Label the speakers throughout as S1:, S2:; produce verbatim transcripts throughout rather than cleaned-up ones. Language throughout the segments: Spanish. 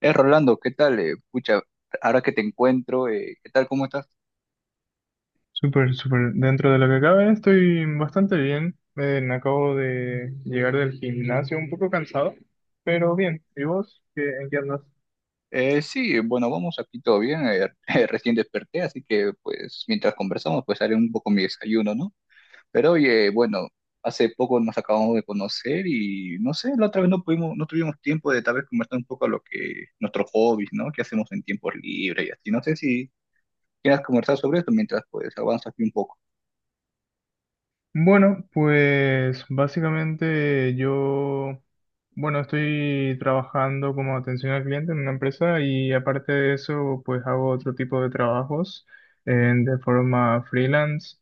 S1: Eh, Rolando, ¿qué tal? Eh, pucha, ahora que te encuentro, eh, ¿qué tal? ¿Cómo estás?
S2: Súper, súper. Dentro de lo que cabe, estoy bastante bien. Eh, me acabo de llegar del gimnasio un poco cansado, pero bien. ¿Y vos? ¿Qué, En qué andas?
S1: Eh, sí, bueno, vamos aquí todo bien. Eh, eh, recién desperté, así que pues mientras conversamos, pues haré un poco mi desayuno, ¿no? Pero oye, bueno, hace poco nos acabamos de conocer y no sé, la otra vez no pudimos, no tuvimos tiempo de tal vez conversar un poco lo que nuestros hobbies, ¿no? ¿Qué hacemos en tiempos libres y así? No sé si quieras conversar sobre esto mientras pues avanzas aquí un poco.
S2: Bueno, pues básicamente yo, bueno, estoy trabajando como atención al cliente en una empresa y aparte de eso, pues hago otro tipo de trabajos eh, de forma freelance.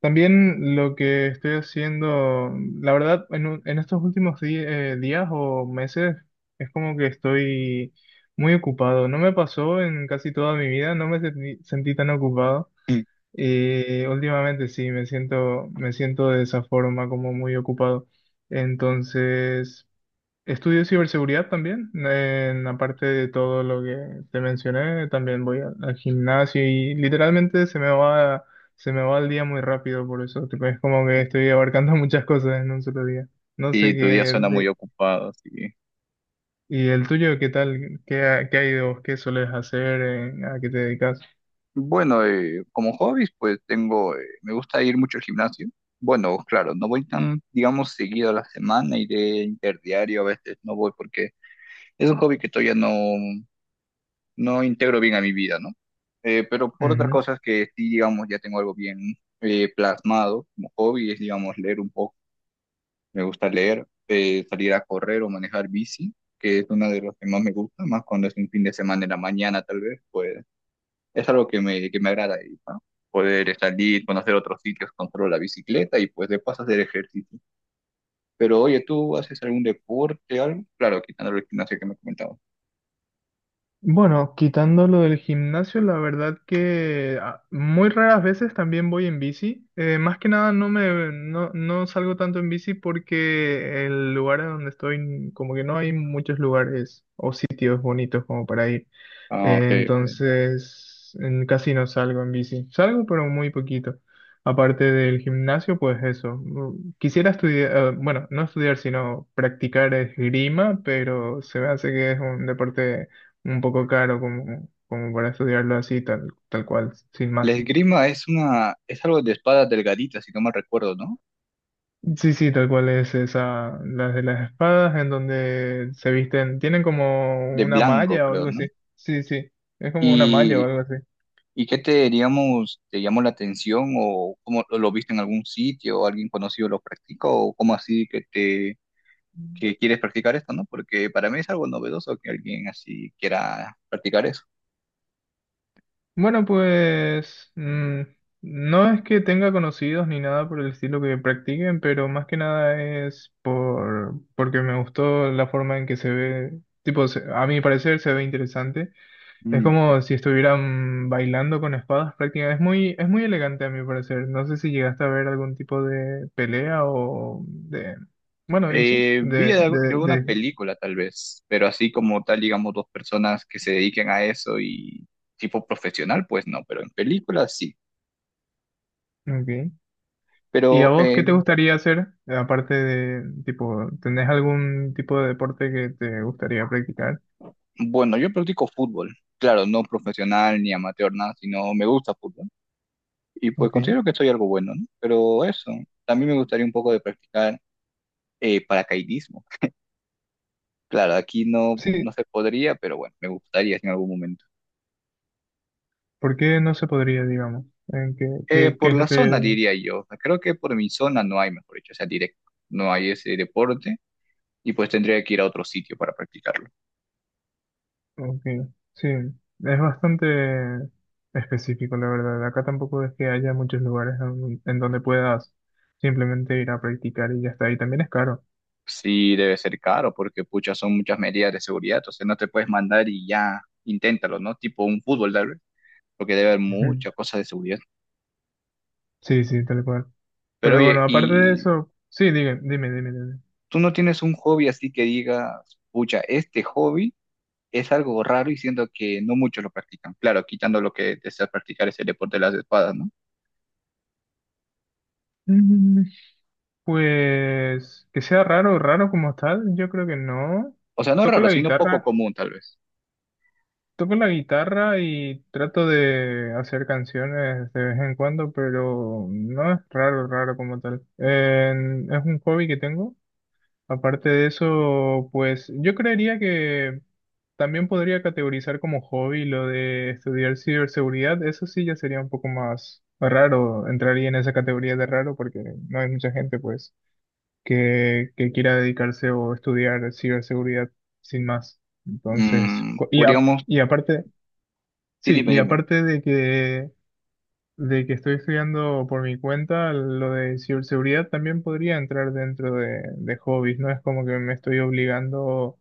S2: También lo que estoy haciendo, la verdad, en, un- en estos últimos di- eh, días o meses, es como que estoy muy ocupado. No me pasó en casi toda mi vida, no me sentí sentí tan ocupado. Y últimamente sí, me siento, me siento de esa forma, como muy ocupado. Entonces, estudio ciberseguridad también. En, aparte de todo lo que te mencioné, también voy a- al gimnasio y literalmente se me va, se me va el día muy rápido por eso. Tipo, es como que
S1: Mm.
S2: estoy abarcando muchas cosas en un solo día. No sé
S1: Sí,
S2: qué...
S1: tu día suena muy
S2: de-
S1: ocupado, sí.
S2: ¿Y el tuyo qué tal? ¿Qué, ha- Qué hay de vos? ¿Qué solés hacer? Eh, ¿A qué te dedicas?
S1: Bueno, eh, como hobbies, pues tengo, eh, me gusta ir mucho al gimnasio. Bueno, claro, no voy tan, digamos, seguido a la semana, iré interdiario, a veces no voy porque es un hobby que todavía no, no integro bien a mi vida, ¿no? Eh, pero por otras cosas que sí, digamos, ya tengo algo bien eh, plasmado como hobby, es, digamos, leer un poco. Me gusta leer, eh, salir a correr o manejar bici, que es una de las que más me gusta, más cuando es un fin de semana en la mañana, tal vez, pues es algo que me, que me agrada, y, ¿no? Poder salir, conocer otros sitios, controlar la bicicleta y pues de paso hacer ejercicio. Pero oye, ¿tú haces algún deporte, algo? Claro, quitando el gimnasio que me comentabas.
S2: Bueno, quitando lo del gimnasio, la verdad que ah, muy raras veces también voy en bici. Eh, más que nada no me no, no salgo tanto en bici porque el lugar en donde estoy como que no hay muchos lugares o sitios bonitos como para ir.
S1: Ah, ok,
S2: Eh,
S1: ok.
S2: entonces en- casi no salgo en bici. Salgo pero muy poquito. Aparte del gimnasio, pues eso. Mm, quisiera estudiar, eh, bueno, no estudiar, sino practicar esgrima, pero se me hace que es un deporte un poco caro como, como para estudiarlo así, tal, tal cual, sin
S1: La
S2: más.
S1: esgrima es una, es algo de espadas delgaditas, si no mal recuerdo, ¿no?
S2: Sí, sí, tal cual es esa, las de las espadas, en donde se visten, tienen como
S1: De
S2: una
S1: blanco,
S2: malla o
S1: creo,
S2: algo
S1: ¿no?
S2: así. Sí, sí, es como una malla o
S1: Y,
S2: algo así.
S1: ¿y qué te, digamos, te llamó la atención o cómo lo lo viste en algún sitio o alguien conocido lo practica o cómo así que te que quieres practicar esto, ¿no? Porque para mí es algo novedoso que alguien así quiera practicar eso.
S2: Bueno, pues mm, no es que tenga conocidos ni nada por el estilo que practiquen, pero más que nada es por, porque me gustó la forma en que se ve, tipo, se- a mi parecer se ve interesante. Es
S1: Mm, ok.
S2: como si estuvieran bailando con espadas prácticamente. Es muy, es muy elegante a mi parecer. No sé si llegaste a ver algún tipo de pelea o de... Bueno, y sí,
S1: Eh, vi
S2: de,
S1: de-
S2: de,
S1: yo una
S2: de...
S1: película tal vez, pero así como tal, digamos, dos personas que se dediquen a eso y tipo profesional, pues no, pero en películas sí.
S2: Ok. ¿Y a
S1: Pero
S2: vos qué
S1: eh,
S2: te gustaría hacer? Aparte de, tipo, ¿tenés algún tipo de deporte que te gustaría practicar?
S1: bueno, yo practico fútbol, claro, no profesional ni amateur, nada, sino me gusta fútbol. Y pues
S2: Ok.
S1: considero que soy algo bueno, ¿no? Pero eso, también me gustaría un poco de practicar eh, paracaidismo. Claro, aquí no, no
S2: Sí,
S1: se podría, pero bueno, me gustaría en algún momento.
S2: ¿por qué no se podría, digamos? ¿En qué,
S1: Eh,
S2: qué, qué
S1: por
S2: es
S1: la
S2: lo
S1: zona
S2: que...
S1: diría yo, creo que por mi zona no hay, mejor dicho, o sea, directo, no hay ese deporte y pues tendría que ir a otro sitio para practicarlo.
S2: Ok, sí, es bastante específico, la verdad. Acá tampoco es que haya muchos lugares en, en donde puedas simplemente ir a practicar y ya está. Y también es caro.
S1: Sí, debe ser caro porque pucha, son muchas medidas de seguridad, o sea, no te puedes mandar y ya, inténtalo, ¿no? Tipo un fútbol tal vez, porque debe haber
S2: Ujú.
S1: muchas cosas de seguridad.
S2: Sí, sí, tal cual.
S1: Pero
S2: Pero bueno,
S1: oye,
S2: aparte de
S1: ¿y
S2: eso, sí, dime, dime, dime, dime.
S1: tú no tienes un hobby así que digas, pucha, este hobby es algo raro y siento que no muchos lo practican? Claro, quitando lo que desea practicar es el deporte de las espadas, ¿no?
S2: Mm, pues que sea raro, raro como tal, yo creo que no.
S1: O sea, no
S2: Toco
S1: raro,
S2: la
S1: sino poco
S2: guitarra,
S1: común tal vez.
S2: Toco la guitarra y trato de hacer canciones de vez en cuando, pero no es raro, raro como tal. En- es un hobby que tengo. Aparte de eso, pues yo creería que también podría categorizar como hobby lo de estudiar ciberseguridad. Eso sí ya sería un poco más raro, entraría en esa categoría de raro porque no hay mucha gente pues que, que quiera dedicarse o estudiar ciberseguridad sin más. Entonces,
S1: Mm,
S2: co- y, a-
S1: podríamos,
S2: y aparte...
S1: sí,
S2: Sí,
S1: dime,
S2: y
S1: dime.
S2: aparte de que, de que estoy estudiando por mi cuenta, lo de ciberseguridad también podría entrar dentro de, de hobbies, no es como que me estoy obligando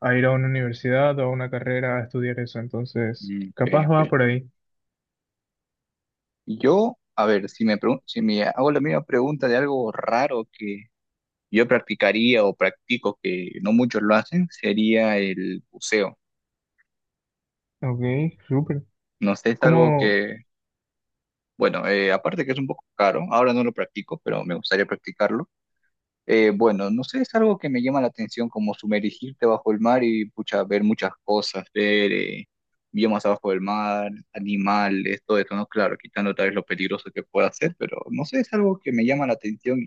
S2: a ir a una universidad o a una carrera a estudiar eso, entonces
S1: Mm, ok,
S2: capaz va
S1: ok.
S2: por ahí.
S1: Yo, a ver, si me, pregun- si me hago la misma pregunta de algo raro que yo practicaría o practico que no muchos lo hacen, sería el buceo.
S2: Ok, súper.
S1: No sé, es algo
S2: ¿Cómo?
S1: que, bueno, eh, aparte que es un poco caro, ahora no lo practico, pero me gustaría practicarlo. Eh, bueno, no sé, es algo que me llama la atención, como sumergirte bajo el mar y pucha, ver muchas cosas, ver eh, biomas abajo del mar, animales, todo esto, ¿no? Claro, quitando tal vez lo peligroso que pueda ser, pero no sé, es algo que me llama la atención y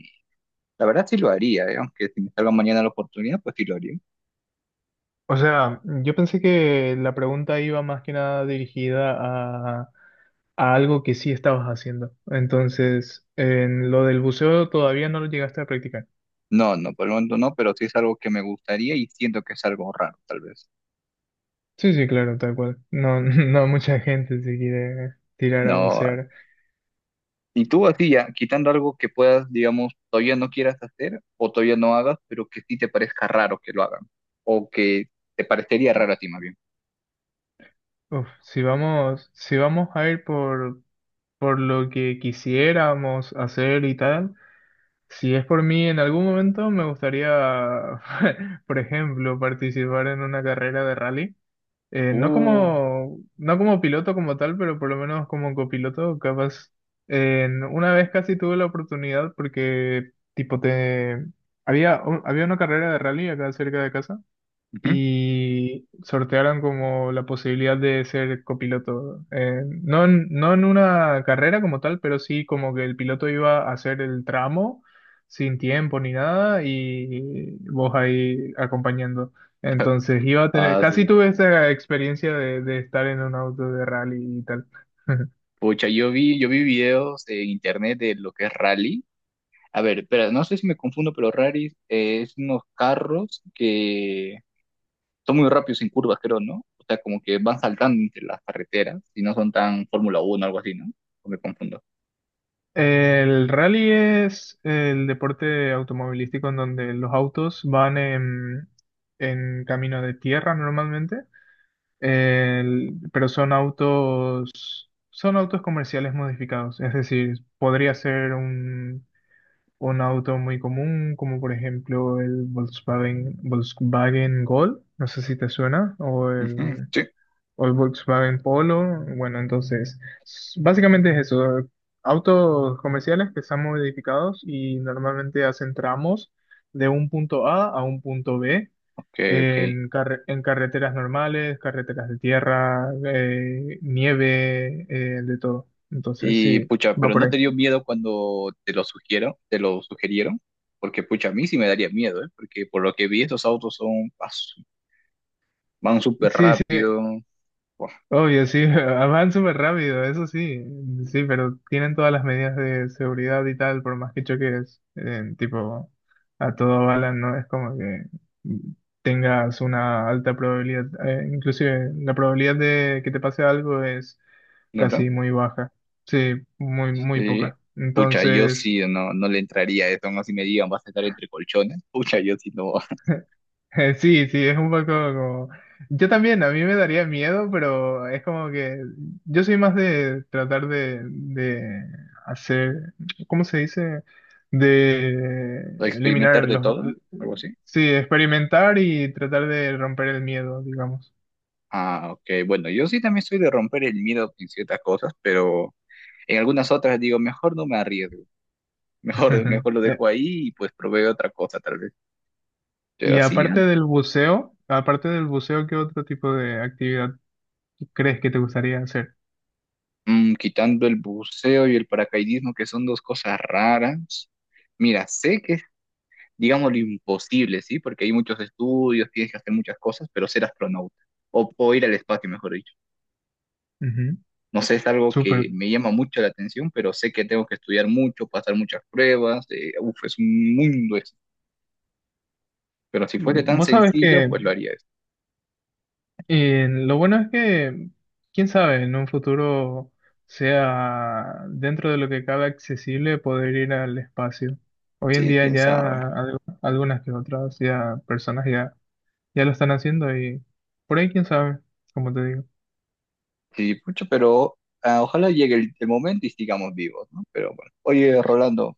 S1: la verdad sí lo haría, ¿eh? Aunque si me salga mañana la oportunidad, pues sí lo haría.
S2: O sea, yo pensé que la pregunta iba más que nada dirigida a, a algo que sí estabas haciendo, entonces en lo del buceo todavía no lo llegaste a practicar.
S1: No, no, por el momento no, pero sí es algo que me gustaría y siento que es algo raro, tal vez.
S2: Sí, sí, claro, tal cual. No, no mucha gente se quiere tirar a
S1: No,
S2: bucear.
S1: y tú así ya, quitando algo que puedas, digamos, todavía no quieras hacer o todavía no hagas, pero que sí te parezca raro que lo hagan o que te parecería raro a ti más bien.
S2: Uf, si vamos, si vamos a ir por, por lo que quisiéramos hacer y tal, si es por mí, en algún momento me gustaría, por ejemplo, participar en una carrera de rally. Eh, no
S1: Uh,
S2: como, no como piloto como tal, pero por lo menos como copiloto, capaz. En- una vez casi tuve la oportunidad porque, tipo, te... Había, un- había una carrera de rally acá cerca de casa
S1: ujú.
S2: y sortearon como la posibilidad de ser copiloto. Eh, no, en- no en una carrera como tal, pero sí como que el piloto iba a hacer el tramo sin tiempo ni nada y vos ahí acompañando. Entonces iba a tener,
S1: Ah, sí,
S2: casi
S1: sí.
S2: tuve esa experiencia de, de estar en un auto de rally y tal.
S1: Pucha, yo vi, yo vi videos en internet de lo que es rally. A ver, espera, no sé si me confundo, pero rally eh, es unos carros que son muy rápidos en curvas, creo, ¿no? O sea, como que van saltando entre las carreteras y no son tan Fórmula uno o algo así, ¿no? O me confundo.
S2: El rally es el deporte automovilístico en donde los autos van en, en camino de tierra normalmente. El- pero son autos, son autos comerciales modificados, es decir, podría ser un, un auto muy común, como por ejemplo el Volkswagen, Volkswagen Gol, no sé si te suena, o
S1: Ujú,
S2: el,
S1: sí,
S2: o el Volkswagen Polo. Bueno, entonces, s- básicamente es eso, autos comerciales que están modificados y normalmente hacen tramos de un punto A a un punto B
S1: ok, ok.
S2: en, carre- en carreteras normales, carreteras de tierra, eh, nieve, eh, de todo. Entonces,
S1: Y
S2: sí,
S1: pucha,
S2: va
S1: pero
S2: por
S1: ¿no te dio
S2: ahí.
S1: miedo cuando te lo sugieron, te lo sugerieron? Porque pucha, a mí sí me daría miedo, ¿eh? Porque por lo que vi, estos autos son, ah, su- van súper
S2: Sí, sí,
S1: rápido. Buah,
S2: obvio, sí, van súper rápido, eso sí, sí, pero tienen todas las medidas de seguridad y tal, por más que choques, eh, tipo, a todo bala, no es como que tengas una alta probabilidad, eh, inclusive la probabilidad de que te pase algo es
S1: ¿no, no?
S2: casi muy baja, sí, muy, muy
S1: Sí.
S2: poca.
S1: Pucha, yo
S2: Entonces,
S1: sí no, no le entraría a eso, no si me digan, vas a estar entre colchones. Pucha, yo sí no.
S2: sí, sí, es un poco como... Yo también, a mí me daría miedo, pero es como que yo soy más de tratar de, de hacer, ¿cómo se dice? De
S1: ¿A
S2: eliminar
S1: experimentar de
S2: los...
S1: todo? Algo así.
S2: Sí, experimentar y tratar de romper el miedo, digamos.
S1: Ah, ok. Bueno, yo sí también soy de romper el miedo en ciertas cosas, pero en algunas otras digo, mejor no me arriesgo. Mejor, mejor lo
S2: Eh,
S1: dejo ahí y pues proveo otra cosa tal vez. Pero
S2: Y
S1: así, ¿no?
S2: aparte del buceo, aparte del buceo, ¿qué otro tipo de actividad crees que te gustaría hacer?
S1: Mm, quitando el buceo y el paracaidismo, que son dos cosas raras. Mira, sé que es, digamos, lo imposible, ¿sí? Porque hay muchos estudios, tienes que hacer muchas cosas, pero ser astronauta o, o ir al espacio, mejor dicho.
S2: Ujú,
S1: No sé, es algo que
S2: súper.
S1: me llama mucho la atención, pero sé que tengo que estudiar mucho, pasar muchas pruebas. Eh, uf, es un mundo eso. Pero si fuese
S2: Mm,
S1: tan
S2: vos sabés
S1: sencillo,
S2: que
S1: pues lo haría eso.
S2: y lo bueno es que, quién sabe, en un futuro sea dentro de lo que cabe accesible poder ir al espacio. Hoy en
S1: Sí,
S2: día
S1: quién sabe.
S2: ya al- algunas que otras ya personas ya, ya lo están haciendo y por ahí quién sabe, como te digo.
S1: Sí, pucha, pero ah, ojalá llegue el, el momento y sigamos vivos, ¿no? Pero bueno. Oye, Rolando.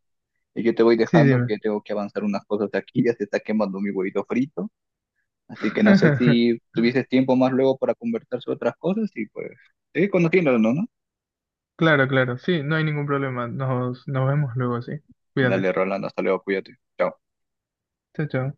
S1: Y yo te voy
S2: Sí,
S1: dejando
S2: dime.
S1: que tengo que avanzar unas cosas aquí, ya se está quemando mi huevito frito. Así que no sé si tuvieses tiempo más luego para conversar sobre otras cosas y pues seguir conociéndonos, ¿no?
S2: Claro, claro, sí, no hay ningún problema. Nos, nos vemos luego, sí. Cuídate.
S1: Dale, Rolando, hasta luego, cuídate. Chao.
S2: Chao, chao.